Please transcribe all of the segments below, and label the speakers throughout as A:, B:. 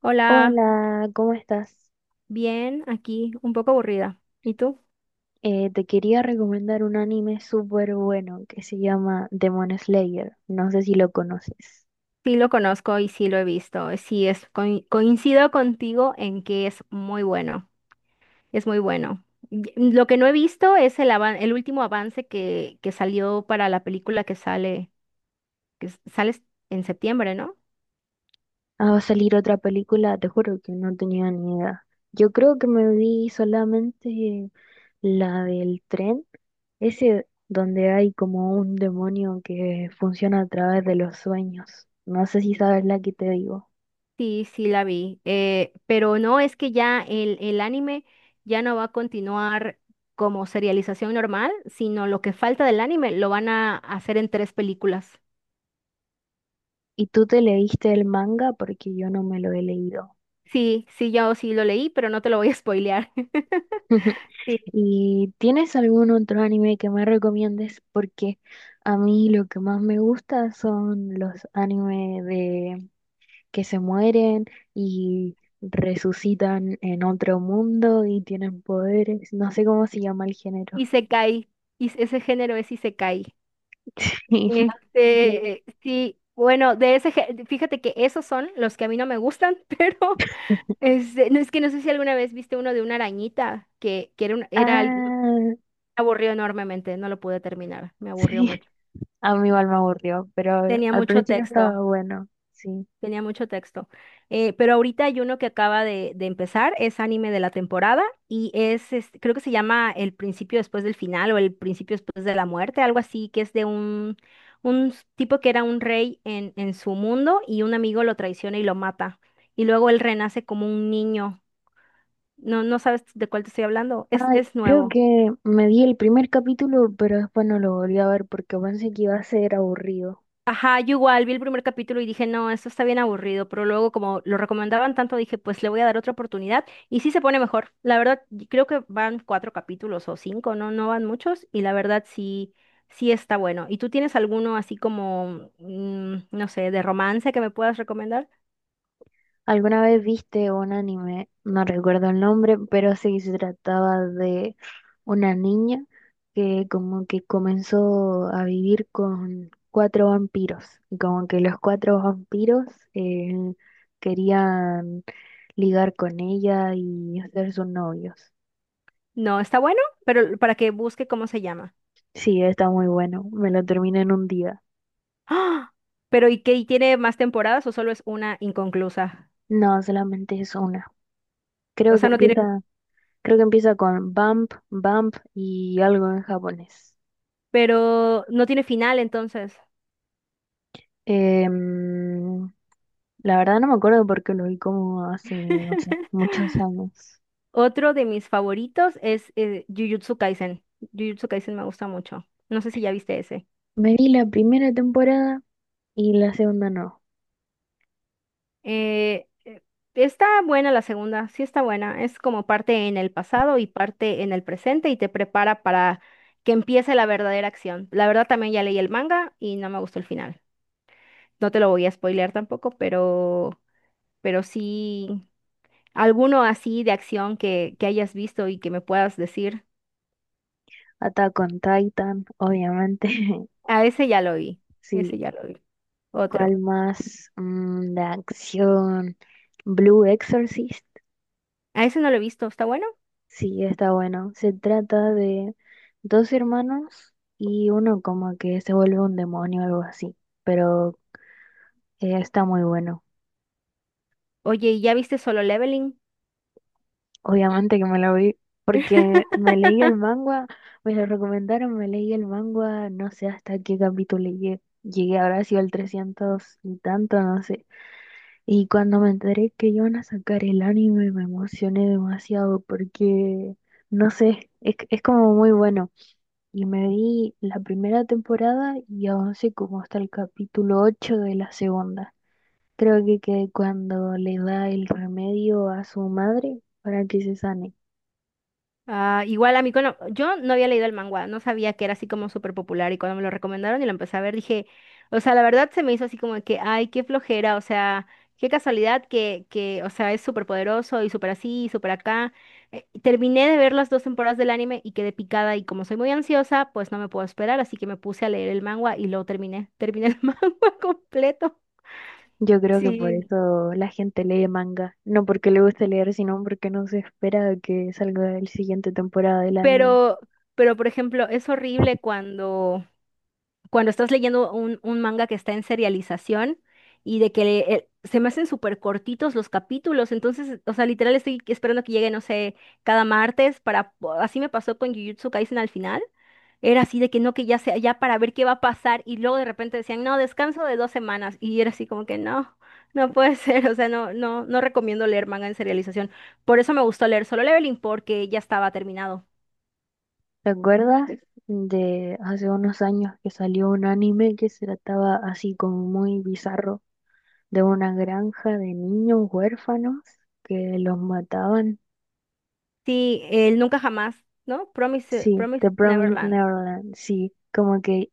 A: Hola,
B: Hola, ¿cómo estás?
A: bien, aquí un poco aburrida. ¿Y tú?
B: Te quería recomendar un anime súper bueno que se llama Demon Slayer. No sé si lo conoces.
A: Sí lo conozco y sí lo he visto. Sí, coincido contigo en que es muy bueno. Es muy bueno. Lo que no he visto es el último avance que salió para la película que sale, que s- sale s- en septiembre, ¿no?
B: Ah, va a salir otra película, te juro que no tenía ni idea. Yo creo que me vi solamente la del tren, ese donde hay como un demonio que funciona a través de los sueños. No sé si sabes la que te digo.
A: Sí, sí la vi. Pero no, es que ya el anime ya no va a continuar como serialización normal, sino lo que falta del anime lo van a hacer en 3 películas.
B: ¿Y tú te leíste el manga? Porque yo no me lo he leído.
A: Sí, sí, yo sí lo leí, pero no te lo voy a spoilear. Sí,
B: ¿Y tienes algún otro anime que me recomiendes? Porque a mí lo que más me gusta son los animes de que se mueren y resucitan en otro mundo y tienen poderes. No sé cómo se llama el género.
A: Isekai. Y ese género es Isekai.
B: Sí, no sé si tienes-
A: Sí, bueno, fíjate que esos son los que a mí no me gustan, pero no es que no sé si alguna vez viste uno de una arañita que era, un- era, al- me
B: Ah,
A: aburrió enormemente, no lo pude terminar, me aburrió
B: sí.
A: mucho.
B: A mí igual me aburrió, pero
A: Tenía
B: al
A: mucho
B: principio
A: texto.
B: estaba bueno. Sí.
A: Tenía mucho texto. Pero ahorita hay uno que acaba de empezar, es anime de la temporada y es, este, creo que se llama El principio después del final o El principio después de la muerte, algo así, que es de un tipo que era un rey en su mundo y un amigo lo traiciona y lo mata. Y luego él renace como un niño. No, no sabes de cuál te estoy hablando.
B: Ay,
A: Es
B: creo
A: nuevo.
B: que me vi el primer capítulo, pero después no lo volví a ver porque pensé que iba a ser aburrido.
A: Ajá, yo igual vi el primer capítulo y dije, no, esto está bien aburrido, pero luego como lo recomendaban tanto, dije, pues le voy a dar otra oportunidad y sí se pone mejor. La verdad, y creo que van cuatro capítulos o cinco, no, no van muchos y la verdad sí, sí está bueno. ¿Y tú tienes alguno así como, no sé, de romance que me puedas recomendar?
B: ¿Alguna vez viste un anime? No recuerdo el nombre, pero sí se trataba de una niña que como que comenzó a vivir con cuatro vampiros. Y como que los cuatro vampiros eh, querían ligar con ella y ser sus novios.
A: No, está bueno, pero para que busque cómo se llama.
B: Sí, está muy bueno. Me lo terminé en un día.
A: ¡Ah! Pero ¿y qué? ¿Y tiene más temporadas o solo es una inconclusa?
B: No, solamente es una.
A: O
B: Creo que
A: sea, no tiene,
B: empieza, creo que empieza con bump, bump y algo en japonés.
A: pero no tiene final entonces.
B: Em, la verdad no me acuerdo porque lo vi como hace, no sé, muchos años.
A: Otro de mis favoritos es Jujutsu Kaisen. Jujutsu Kaisen me gusta mucho. No sé si ya viste ese.
B: Me vi la primera temporada y la segunda no.
A: Eh, eh, Está buena la segunda, sí está buena. Es como parte en el pasado y parte en el presente y te prepara para que empiece la verdadera acción. La verdad también ya leí el manga y no me gustó el final. No te lo voy a spoilear tampoco, pero sí, alguno así de acción que hayas visto y que me puedas decir.
B: Attack on Titan, obviamente.
A: A ese ya lo vi,
B: Sí,
A: ese ya lo vi. Otro.
B: ¿cuál más? Mm, de acción. Blue Exorcist.
A: A ese no lo he visto, ¿está bueno?
B: Sí, está bueno. Se trata de dos hermanos y uno como que se vuelve un demonio o algo así. Pero está muy bueno.
A: Oye, ¿y ya viste Solo Leveling?
B: Obviamente que me la vi, porque me leí el manga, me lo recomendaron, me leí el manga, no sé hasta qué capítulo llegué. Llegué, habrá sido al 300 y tanto, no sé. Y cuando me enteré que iban a sacar el anime, me emocioné demasiado porque, no sé, es como muy bueno. Y me vi la primera temporada y avancé como hasta el capítulo 8 de la segunda. Creo que cuando le da el remedio a su madre para que se sane.
A: Ah, igual a mí, cuando, yo no había leído el manga, no sabía que era así como súper popular y cuando me lo recomendaron y lo empecé a ver, dije, o sea, la verdad se me hizo así como de que, ay, qué flojera, o sea, qué casualidad que o sea, es súper poderoso y súper así y súper acá. Terminé de ver las 2 temporadas del anime y quedé picada y como soy muy ansiosa, pues no me puedo esperar, así que me puse a leer el manga y lo terminé, terminé el manga completo.
B: Yo creo que por
A: Sí,
B: eso la gente lee manga, no porque le guste leer, sino porque no se espera que salga el siguiente temporada del anime.
A: Pero, pero por ejemplo, es horrible cuando, cuando estás leyendo un manga que está en serialización y de que se me hacen súper cortitos los capítulos. Entonces, o sea, literal estoy esperando que llegue, no sé, cada martes así me pasó con Jujutsu Kaisen al final. Era así de que no, que ya sea, ya para ver qué va a pasar. Y luego de repente decían, no, descanso de 2 semanas. Y era así como que no, no puede ser. O sea, no, no, no recomiendo leer manga en serialización. Por eso me gustó leer Solo Leveling, porque ya estaba terminado.
B: ¿Te acuerdas de hace unos años que salió un anime que se trataba así como muy bizarro, de una granja de niños huérfanos que los mataban?
A: Sí, el Nunca Jamás, ¿no? Promise,
B: Sí,
A: Promise
B: The Promised
A: Neverland.
B: Neverland, sí, como que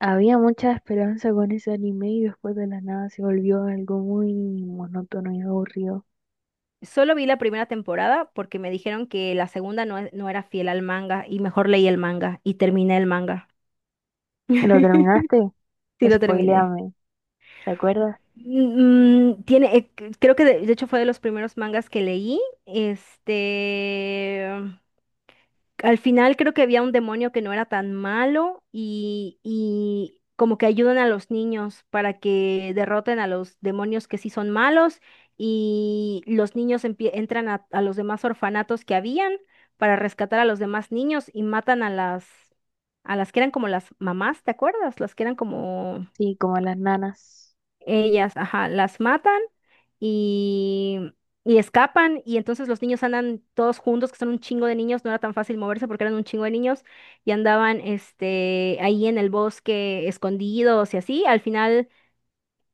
B: había mucha esperanza con ese anime y después de la nada se volvió algo muy monótono y aburrido.
A: Solo vi la primera temporada porque me dijeron que la segunda no, no era fiel al manga y mejor leí el manga y terminé el manga.
B: ¿Lo terminaste?
A: Sí, lo terminé.
B: Spoiléame, ¿te acuerdas?
A: Tiene, creo que de hecho fue de los primeros mangas que leí. Este, al final creo que había un demonio que no era tan malo y como que ayudan a los niños para que derroten a los demonios que sí son malos y los niños entran a los demás orfanatos que habían para rescatar a los demás niños y matan a las que eran como las mamás, ¿te acuerdas? Las que eran como
B: Sí, como las nanas.
A: ellas, ajá, las matan y, y escapan y entonces los niños andan todos juntos, que son un chingo de niños, no era tan fácil moverse porque eran un chingo de niños y andaban este, ahí en el bosque escondidos y así. Al final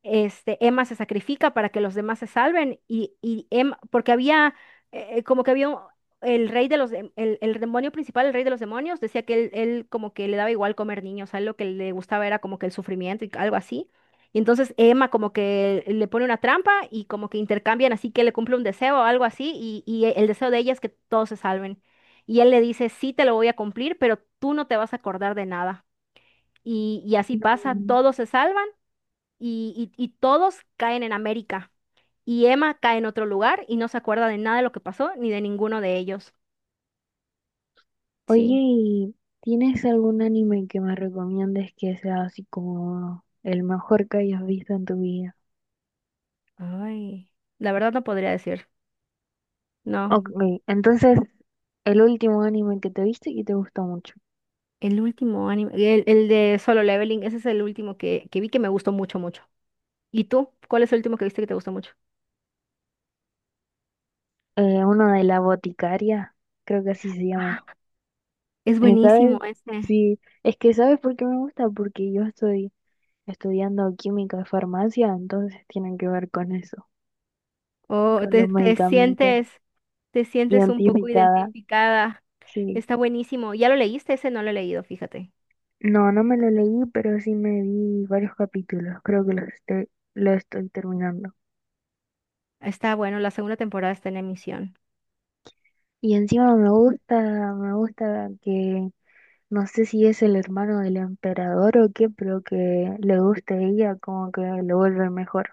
A: este, Emma se sacrifica para que los demás se salven y Emma, porque había, como que el rey de el demonio principal, el rey de los demonios, decía que él como que le daba igual comer niños, a él lo que le gustaba era como que el sufrimiento y algo así. Y entonces Emma como que le pone una trampa y como que intercambian así que le cumple un deseo o algo así y el deseo de ella es que todos se salven. Y él le dice, sí te lo voy a cumplir, pero tú no te vas a acordar de nada. Y así pasa,
B: No.
A: todos se salvan y, y todos caen en América. Y Emma cae en otro lugar y no se acuerda de nada de lo que pasó ni de ninguno de ellos.
B: Oye,
A: Sí.
B: ¿y tienes algún anime que me recomiendes que sea así como el mejor que hayas visto en tu vida?
A: Ay, la verdad no podría decir. No,
B: Ok, entonces, el último anime que te viste y te gustó mucho.
A: el último anime, el de Solo Leveling, ese es el último que vi que me gustó mucho, mucho. ¿Y tú? ¿Cuál es el último que viste que te gustó mucho?
B: Uno de la boticaria, creo que así se llama.
A: Ah, es buenísimo
B: ¿Sabes?
A: ese.
B: Sí, es que ¿sabes por qué me gusta? Porque yo estoy estudiando química y farmacia, entonces tienen que ver con eso,
A: Oh,
B: con los medicamentos.
A: te sientes un poco
B: Identificada.
A: identificada.
B: Sí,
A: Está buenísimo. ¿Ya lo leíste? Ese no lo he leído, fíjate.
B: no, no me lo leí, pero sí me vi varios capítulos, creo que lo estoy terminando.
A: Está bueno, la segunda temporada está en emisión.
B: Y encima me gusta que, no sé si es el hermano del emperador o qué, pero que le guste a ella, como que lo vuelve mejor.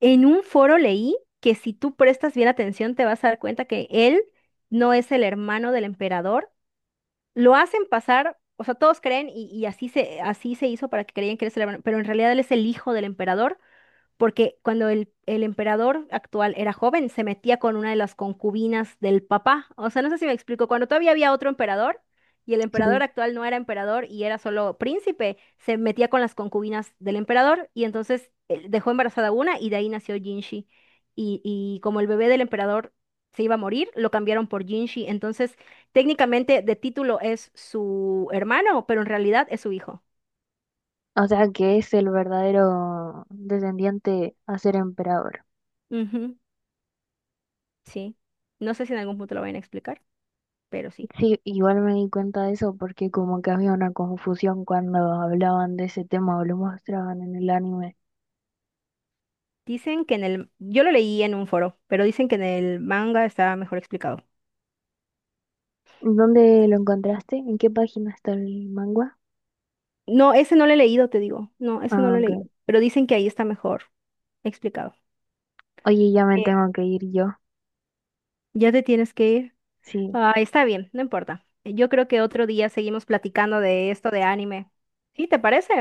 A: En un foro leí que si tú prestas bien atención te vas a dar cuenta que él no es el hermano del emperador. Lo hacen pasar, o sea, todos creen y así se hizo para que creían que él es el hermano, pero en realidad él es el hijo del emperador porque cuando el emperador actual era joven, se metía con una de las concubinas del papá. O sea, no sé si me explico, cuando todavía había otro emperador y el emperador
B: Sí.
A: actual no era emperador y era solo príncipe, se metía con las concubinas del emperador y entonces dejó embarazada una y de ahí nació Jinshi. Y como el bebé del emperador se iba a morir, lo cambiaron por Jinshi. Entonces, técnicamente de título es su hermano, pero en realidad es su hijo.
B: O sea, que es el verdadero descendiente a ser emperador.
A: Ujú, sí. No sé si en algún punto lo vayan a explicar, pero sí.
B: Sí, igual me di cuenta de eso porque como que había una confusión cuando hablaban de ese tema o lo mostraban en el anime.
A: Dicen que en el... Yo lo leí en un foro, pero dicen que en el manga está mejor explicado.
B: ¿Dónde lo encontraste? ¿En qué página está el manga?
A: No, ese no lo he leído, te digo. No, ese no
B: Ah,
A: lo he
B: ok.
A: leído. Pero dicen que ahí está mejor explicado.
B: Oye, ya me
A: Eh,
B: tengo que ir yo.
A: ya te tienes que ir.
B: Sí.
A: Ah, está bien, no importa. Yo creo que otro día seguimos platicando de esto de anime. ¿Sí, te parece?